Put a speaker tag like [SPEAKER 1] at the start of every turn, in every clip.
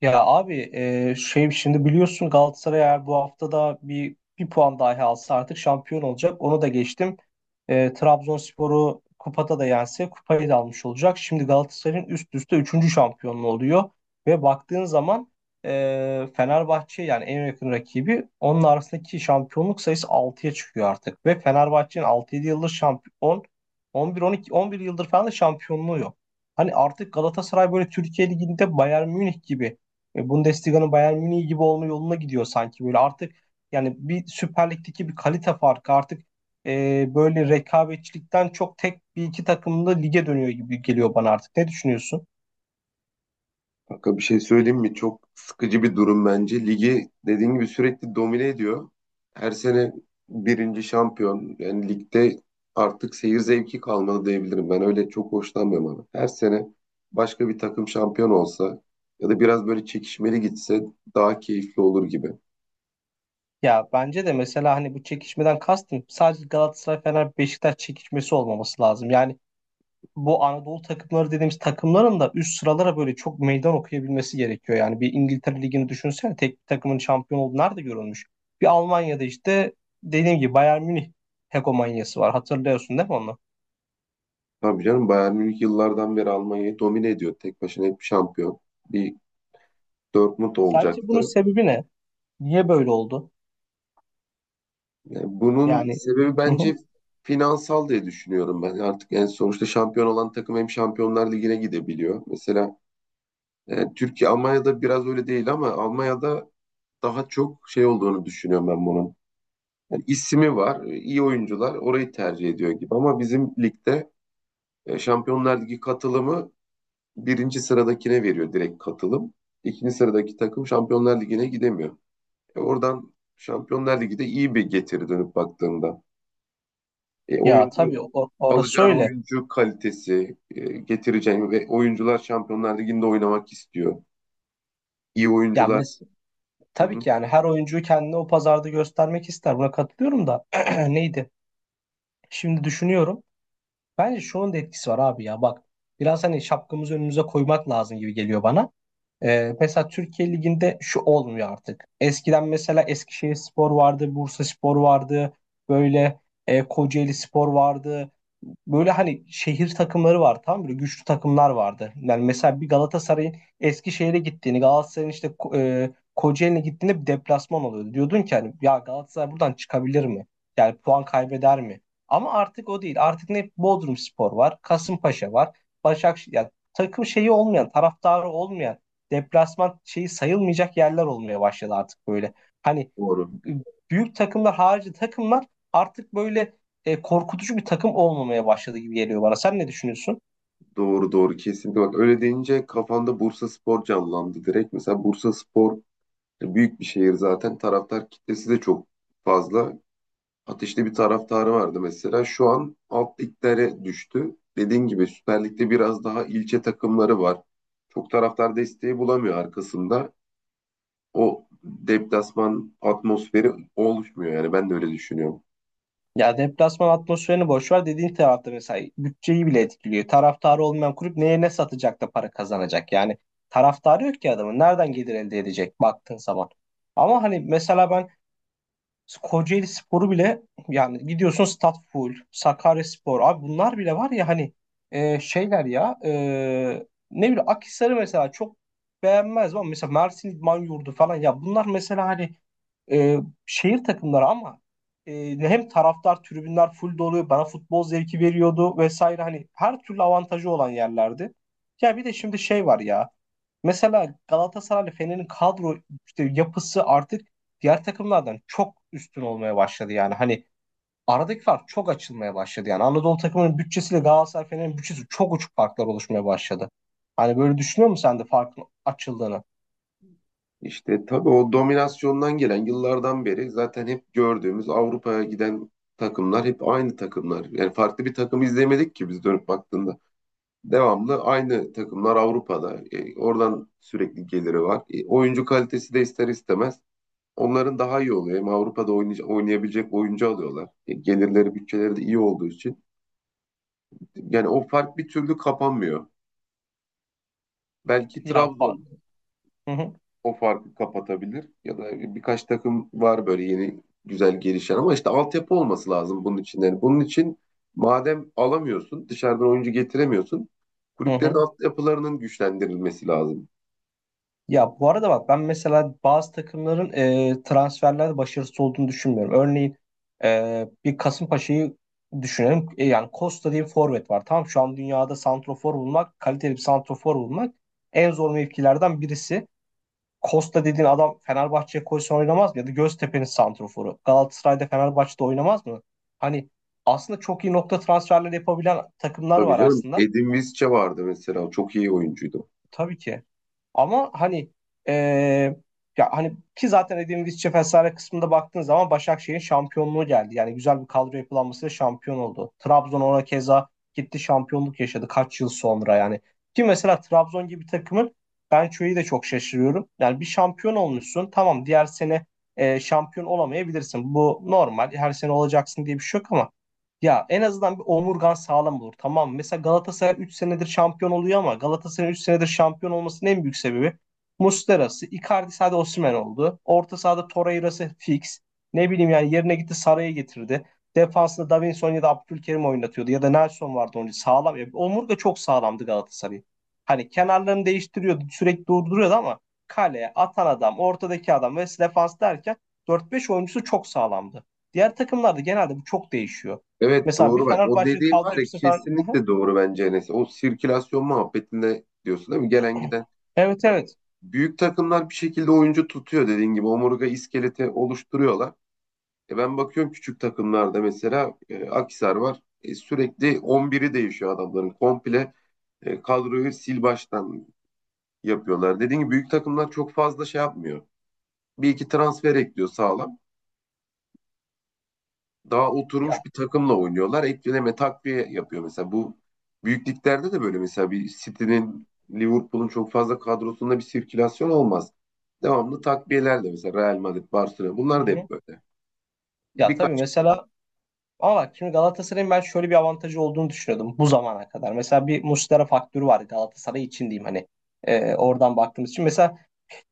[SPEAKER 1] Ya abi, şimdi biliyorsun Galatasaray eğer bu hafta da bir puan dahi alsa artık şampiyon olacak. Onu da geçtim. Trabzonspor'u kupada da yense kupayı da almış olacak. Şimdi Galatasaray'ın üst üste üçüncü şampiyonluğu oluyor. Ve baktığın zaman Fenerbahçe, yani en yakın rakibi, onun arasındaki şampiyonluk sayısı altıya çıkıyor artık. Ve Fenerbahçe'nin altı 7 yıldır şampiyon, 11 yıldır falan da şampiyonluğu yok. Hani artık Galatasaray böyle Türkiye Ligi'nde Bayern Münih gibi, Bundesliga'nın Bayern Münih gibi olma yoluna gidiyor sanki böyle artık. Yani bir Süper Lig'deki bir kalite farkı artık böyle rekabetçilikten çok tek bir iki takımda lige dönüyor gibi geliyor bana artık. Ne düşünüyorsun?
[SPEAKER 2] Kanka bir şey söyleyeyim mi? Çok sıkıcı bir durum bence. Ligi dediğin gibi sürekli domine ediyor. Her sene birinci şampiyon. Yani ligde artık seyir zevki kalmadı diyebilirim. Ben öyle çok hoşlanmıyorum abi. Her sene başka bir takım şampiyon olsa ya da biraz böyle çekişmeli gitse daha keyifli olur gibi.
[SPEAKER 1] Ya bence de mesela hani bu çekişmeden kastım sadece Galatasaray Fener Beşiktaş çekişmesi olmaması lazım. Yani bu Anadolu takımları dediğimiz takımların da üst sıralara böyle çok meydan okuyabilmesi gerekiyor. Yani bir İngiltere Ligi'ni düşünsene, tek bir takımın şampiyon olduğu nerede görülmüş? Bir Almanya'da işte dediğim gibi Bayern Münih hegemonyası var. Hatırlıyorsun değil mi onu?
[SPEAKER 2] Tabii canım, Bayern Münih yıllardan beri Almanya'yı domine ediyor. Tek başına hep şampiyon. Bir Dortmund
[SPEAKER 1] Sence bunun
[SPEAKER 2] olacaktı.
[SPEAKER 1] sebebi ne? Niye böyle oldu?
[SPEAKER 2] Yani bunun
[SPEAKER 1] Yani,
[SPEAKER 2] sebebi
[SPEAKER 1] hı hı.
[SPEAKER 2] bence finansal diye düşünüyorum ben. Artık yani sonuçta şampiyon olan takım hem Şampiyonlar Ligi'ne gidebiliyor. Mesela Türkiye Almanya'da biraz öyle değil ama Almanya'da daha çok şey olduğunu düşünüyorum ben bunun. Yani ismi var, iyi oyuncular orayı tercih ediyor gibi ama bizim ligde Şampiyonlar Ligi katılımı birinci sıradakine veriyor direkt katılım. İkinci sıradaki takım Şampiyonlar Ligi'ne gidemiyor. Oradan Şampiyonlar Ligi'de iyi bir getiri dönüp baktığında. E,
[SPEAKER 1] Ya
[SPEAKER 2] oyuncu
[SPEAKER 1] tabii, orası
[SPEAKER 2] alacağın
[SPEAKER 1] öyle.
[SPEAKER 2] oyuncu kalitesi, getireceğin ve oyuncular Şampiyonlar Ligi'nde oynamak istiyor. İyi
[SPEAKER 1] Ya
[SPEAKER 2] oyuncular.
[SPEAKER 1] mes
[SPEAKER 2] Hı
[SPEAKER 1] Tabii
[SPEAKER 2] hı.
[SPEAKER 1] ki, yani her oyuncuyu kendine o pazarda göstermek ister. Buna katılıyorum da neydi? Şimdi düşünüyorum. Bence şunun da etkisi var abi, ya bak. Biraz hani şapkamızı önümüze koymak lazım gibi geliyor bana. Mesela Türkiye Ligi'nde şu olmuyor artık. Eskiden mesela Eskişehirspor vardı, Bursaspor vardı, böyle Kocaelispor vardı. Böyle hani şehir takımları var, tamam mı? Böyle güçlü takımlar vardı. Yani mesela bir Galatasaray'ın Eskişehir'e gittiğini, Galatasaray'ın işte Kocaeli'ne gittiğinde bir deplasman oluyordu. Diyordun ki hani, ya Galatasaray buradan çıkabilir mi? Yani puan kaybeder mi? Ama artık o değil. Artık ne Bodrumspor var, Kasımpaşa var, Başakşehir, yani takım şeyi olmayan, taraftarı olmayan, deplasman şeyi sayılmayacak yerler olmaya başladı artık böyle. Hani
[SPEAKER 2] Doğru.
[SPEAKER 1] büyük takımlar harici takımlar artık böyle korkutucu bir takım olmamaya başladı gibi geliyor bana. Sen ne düşünüyorsun?
[SPEAKER 2] Doğru doğru kesinlikle. Bak öyle deyince kafamda Bursaspor canlandı direkt. Mesela Bursaspor büyük bir şehir zaten. Taraftar kitlesi de çok fazla. Ateşli bir taraftarı vardı mesela. Şu an alt liglere düştü. Dediğin gibi Süper Lig'de biraz daha ilçe takımları var. Çok taraftar desteği bulamıyor arkasında. O deplasman atmosferi oluşmuyor, yani ben de öyle düşünüyorum.
[SPEAKER 1] Ya deplasman atmosferini boş ver, dediğin tarafta mesela bütçeyi bile etkiliyor. Taraftarı olmayan kulüp neye ne satacak da para kazanacak? Yani taraftarı yok ki adamın. Nereden gelir elde edecek baktığın zaman? Ama hani mesela ben Kocaeli Sporu bile, yani gidiyorsun Stat Full, Sakarya, abi bunlar bile var ya hani. e, şeyler ya e, Ne bileyim, Akhisar'ı mesela çok beğenmez ama mesela Mersin İdman Yurdu falan, ya bunlar mesela hani e, şehir takımları ama hem taraftar, tribünler full doluyor. Bana futbol zevki veriyordu vesaire. Hani her türlü avantajı olan yerlerdi. Ya bir de şimdi şey var ya. Mesela Galatasaray'la Fener'in kadro işte yapısı artık diğer takımlardan çok üstün olmaya başladı yani. Hani aradaki fark çok açılmaya başladı yani. Anadolu takımının bütçesiyle Galatasaray Fener'in bütçesi çok uçuk farklar oluşmaya başladı. Hani böyle düşünüyor musun sen de farkın açıldığını?
[SPEAKER 2] İşte tabii o dominasyondan gelen yıllardan beri zaten hep gördüğümüz Avrupa'ya giden takımlar hep aynı takımlar. Yani farklı bir takım izlemedik ki biz dönüp baktığında. Devamlı aynı takımlar Avrupa'da. Oradan sürekli geliri var. Oyuncu kalitesi de ister istemez onların daha iyi oluyor. Hem Avrupa'da oynayabilecek oyuncu alıyorlar. Gelirleri, bütçeleri de iyi olduğu için. Yani o fark bir türlü kapanmıyor. Belki
[SPEAKER 1] Ya fark.
[SPEAKER 2] Trabzon
[SPEAKER 1] Hı hı,
[SPEAKER 2] o farkı kapatabilir. Ya da birkaç takım var böyle yeni güzel gelişen ama işte altyapı olması lazım bunun için. Yani bunun için madem alamıyorsun, dışarıdan oyuncu getiremiyorsun,
[SPEAKER 1] hı
[SPEAKER 2] kulüplerin
[SPEAKER 1] hı.
[SPEAKER 2] altyapılarının güçlendirilmesi lazım.
[SPEAKER 1] Ya bu arada bak, ben mesela bazı takımların transferlerde başarısız olduğunu düşünmüyorum. Örneğin bir Kasımpaşa'yı düşünelim. E, yani Costa diye bir forvet var. Tamam, şu an dünyada santrofor bulmak, kaliteli bir santrofor bulmak en zor mevkilerden birisi. Costa dediğin adam Fenerbahçe'ye koysa oynamaz mı? Ya da Göztepe'nin santroforu Galatasaray'da, Fenerbahçe'de oynamaz mı? Hani aslında çok iyi nokta transferleri yapabilen takımlar
[SPEAKER 2] Tabii
[SPEAKER 1] var
[SPEAKER 2] canım.
[SPEAKER 1] aslında.
[SPEAKER 2] Edin Visca vardı mesela. Çok iyi oyuncuydu.
[SPEAKER 1] Tabii ki. Ama hani eee, ya hani ki zaten dediğim İsviçre Fesare kısmında baktığın zaman Başakşehir'in şampiyonluğu geldi. Yani güzel bir kadro yapılanmasıyla şampiyon oldu. Trabzon ona keza gitti, şampiyonluk yaşadı kaç yıl sonra yani. Ki mesela Trabzon gibi takımın, ben şöyle de çok şaşırıyorum. Yani bir şampiyon olmuşsun, tamam, diğer sene şampiyon olamayabilirsin. Bu normal, her sene olacaksın diye bir şey yok ama ya en azından bir omurgan sağlam olur. Tamam. Mesela Galatasaray 3 senedir şampiyon oluyor ama Galatasaray'ın 3 senedir şampiyon olmasının en büyük sebebi Muslera'sı, Icardi, hadi Osimhen oldu. Orta sahada Torreira'sı fix. Ne bileyim yani, yerine gitti Saray'ı getirdi. Defansında Davinson ya da Abdülkerim oynatıyordu ya da Nelson vardı önce, sağlam. Ya, omurga çok sağlamdı Galatasaray'ın. Hani kenarlarını değiştiriyordu, sürekli durduruyordu ama kaleye atan adam, ortadaki adam ve defans derken dört beş oyuncusu çok sağlamdı. Diğer takımlarda genelde bu çok değişiyor.
[SPEAKER 2] Evet
[SPEAKER 1] Mesela bir
[SPEAKER 2] doğru bak. O
[SPEAKER 1] Fenerbahçe'nin
[SPEAKER 2] dediğin var
[SPEAKER 1] kadro
[SPEAKER 2] ya,
[SPEAKER 1] hepsini falan. Aha,
[SPEAKER 2] kesinlikle doğru bence Enes. O sirkülasyon muhabbetinde diyorsun değil mi? Gelen giden.
[SPEAKER 1] evet evet.
[SPEAKER 2] Büyük takımlar bir şekilde oyuncu tutuyor dediğin gibi. Omurga iskeleti oluşturuyorlar. E ben bakıyorum küçük takımlarda mesela Akhisar var. E, sürekli 11'i değişiyor adamların. Komple kadroyu sil baştan yapıyorlar. Dediğim gibi büyük takımlar çok fazla şey yapmıyor. Bir iki transfer ekliyor sağlam. Daha
[SPEAKER 1] Ya,
[SPEAKER 2] oturmuş bir takımla oynuyorlar. Ekleme takviye yapıyor mesela. Bu büyük liglerde de böyle, mesela bir City'nin Liverpool'un çok fazla kadrosunda bir sirkülasyon olmaz. Devamlı takviyelerle mesela Real Madrid, Barcelona,
[SPEAKER 1] hı
[SPEAKER 2] bunlar da
[SPEAKER 1] hı.
[SPEAKER 2] hep böyle.
[SPEAKER 1] ya tabii
[SPEAKER 2] Birkaç
[SPEAKER 1] mesela Ama bak şimdi Galatasaray'ın ben şöyle bir avantajı olduğunu düşünüyordum bu zamana kadar. Mesela bir Muslera faktörü var Galatasaray için diyeyim hani. Oradan baktığımız için. Mesela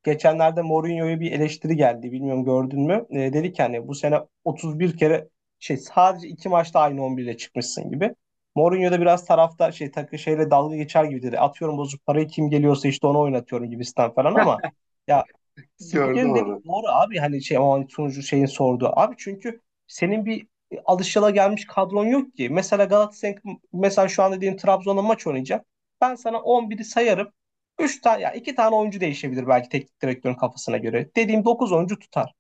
[SPEAKER 1] geçenlerde Mourinho'ya bir eleştiri geldi. Bilmiyorum, gördün mü? Dedi ki hani, bu sene 31 kere sadece 2 maçta aynı 11 ile çıkmışsın gibi. Mourinho da biraz tarafta şey takı şeyle dalga geçer gibi dedi. Atıyorum, bozuk parayı kim geliyorsa işte onu oynatıyorum gibisinden falan ama ya
[SPEAKER 2] gördüm
[SPEAKER 1] spikerin dediği
[SPEAKER 2] onu.
[SPEAKER 1] doğru abi, hani şey, ama hani sunucu şeyin sorduğu. Abi çünkü senin bir alışılagelmiş kadron yok ki. Mesela Galatasaray, mesela şu an dediğin Trabzon'a maç oynayacak. Ben sana 11'i sayarım. Üç tane ya 2 tane oyuncu değişebilir belki teknik direktörün kafasına göre. Dediğim 9 oyuncu tutar.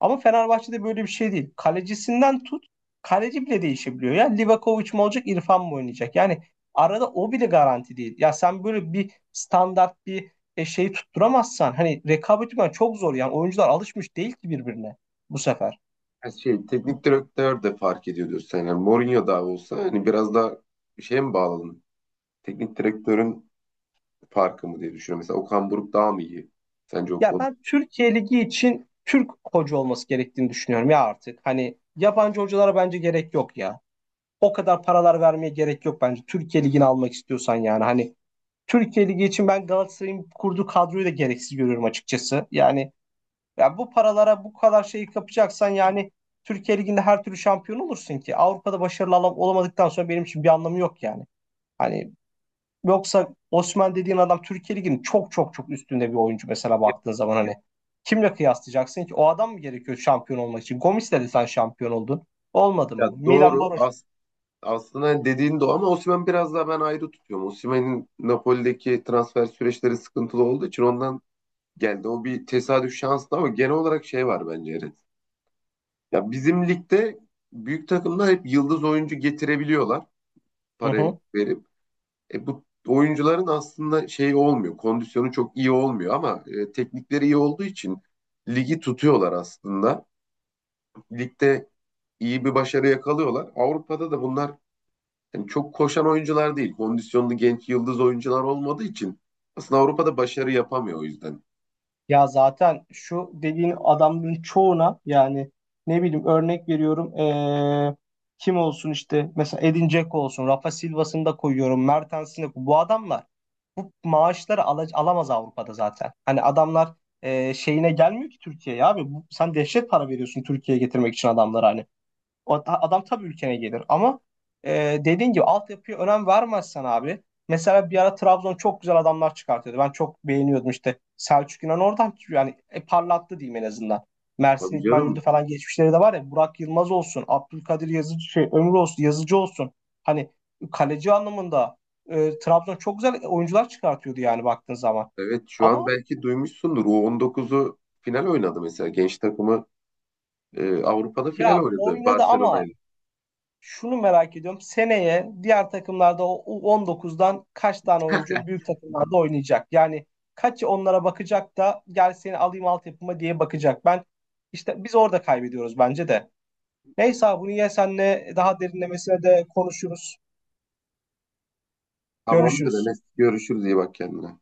[SPEAKER 1] Ama Fenerbahçe'de böyle bir şey değil. Kalecisinden tut, kaleci bile değişebiliyor. Ya Livakovic mi olacak, İrfan mı oynayacak? Yani arada o bile garanti değil. Ya sen böyle bir standart bir şey tutturamazsan hani rekabet etmen çok zor. Yani oyuncular alışmış değil ki birbirine bu sefer.
[SPEAKER 2] Ha, şey, teknik direktör de fark ediyordur sen. Yani Mourinho daha olsa hani biraz daha şeye mi bağladın? Teknik direktörün farkı mı diye düşünüyorum. Mesela Okan Buruk daha mı iyi? Sence o
[SPEAKER 1] Ya
[SPEAKER 2] konuda?
[SPEAKER 1] ben Türkiye Ligi için Türk hoca olması gerektiğini düşünüyorum ya artık. Hani yabancı hocalara bence gerek yok ya. O kadar paralar vermeye gerek yok bence. Türkiye Ligi'ni almak istiyorsan yani hani, Türkiye Ligi için ben Galatasaray'ın kurduğu kadroyu da gereksiz görüyorum açıkçası. Yani ya bu paralara bu kadar şeyi kapacaksan yani Türkiye Ligi'nde her türlü şampiyon olursun ki. Avrupa'da başarılı olamadıktan sonra benim için bir anlamı yok yani. Hani yoksa Osman dediğin adam Türkiye Ligi'nin çok çok çok üstünde bir oyuncu mesela
[SPEAKER 2] Ya,
[SPEAKER 1] baktığın zaman hani. Kimle kıyaslayacaksın ki? O adam mı gerekiyor şampiyon olmak için? Gomis'le de sen şampiyon oldun. Olmadın
[SPEAKER 2] ya
[SPEAKER 1] mı? Milan
[SPEAKER 2] doğru.
[SPEAKER 1] Baroş.
[SPEAKER 2] Aslında hani dediğin doğru ama Osimhen biraz daha ben ayrı tutuyorum. Osimhen'in Napoli'deki transfer süreçleri sıkıntılı olduğu için ondan geldi. O bir tesadüf şanslı ama genel olarak şey var bence Eren. Ya bizim ligde büyük takımlar hep yıldız oyuncu getirebiliyorlar,
[SPEAKER 1] Hı
[SPEAKER 2] para
[SPEAKER 1] hı.
[SPEAKER 2] verip. E, bu oyuncuların aslında şey olmuyor, kondisyonu çok iyi olmuyor ama teknikleri iyi olduğu için ligi tutuyorlar aslında. Ligde iyi bir başarı yakalıyorlar. Avrupa'da da bunlar yani çok koşan oyuncular değil, kondisyonlu genç yıldız oyuncular olmadığı için aslında Avrupa'da başarı yapamıyor o yüzden.
[SPEAKER 1] Ya zaten şu dediğin adamların çoğuna yani ne bileyim örnek veriyorum kim olsun işte, mesela Edin Dzeko olsun, Rafa Silva'sını da koyuyorum, Mertens'ini, bu adamlar bu maaşları alamaz Avrupa'da zaten. Hani adamlar şeyine gelmiyor ki Türkiye'ye abi bu, sen dehşet para veriyorsun Türkiye'ye getirmek için adamlara hani. Adam tabii ülkene gelir ama dediğin gibi altyapıya önem vermezsen abi. Mesela bir ara Trabzon çok güzel adamlar çıkartıyordu. Ben çok beğeniyordum işte. Selçuk İnan oradan yani parlattı diyeyim en azından. Mersin
[SPEAKER 2] Tabii
[SPEAKER 1] İdman Yurdu
[SPEAKER 2] canım.
[SPEAKER 1] falan geçmişleri de var ya. Burak Yılmaz olsun, Abdülkadir Yazıcı, şey, Ömür olsun, Yazıcı olsun. Hani kaleci anlamında Trabzon çok güzel oyuncular çıkartıyordu yani baktığın zaman.
[SPEAKER 2] Evet şu an
[SPEAKER 1] Ama
[SPEAKER 2] belki duymuşsundur. U19'u final oynadı mesela. Genç takımı Avrupa'da final
[SPEAKER 1] ya
[SPEAKER 2] oynadı
[SPEAKER 1] oynadı ama,
[SPEAKER 2] Barcelona'yla.
[SPEAKER 1] şunu merak ediyorum. Seneye diğer takımlarda o U19'dan kaç tane oyuncu büyük takımlarda oynayacak? Yani kaç onlara bakacak da gel seni alayım altyapıma diye bakacak. Ben, işte biz orada kaybediyoruz bence de. Neyse abi bunu ya senle daha derinlemesine de konuşuruz.
[SPEAKER 2] Tamamdır
[SPEAKER 1] Görüşürüz.
[SPEAKER 2] Enes. Görüşürüz. İyi bak kendine.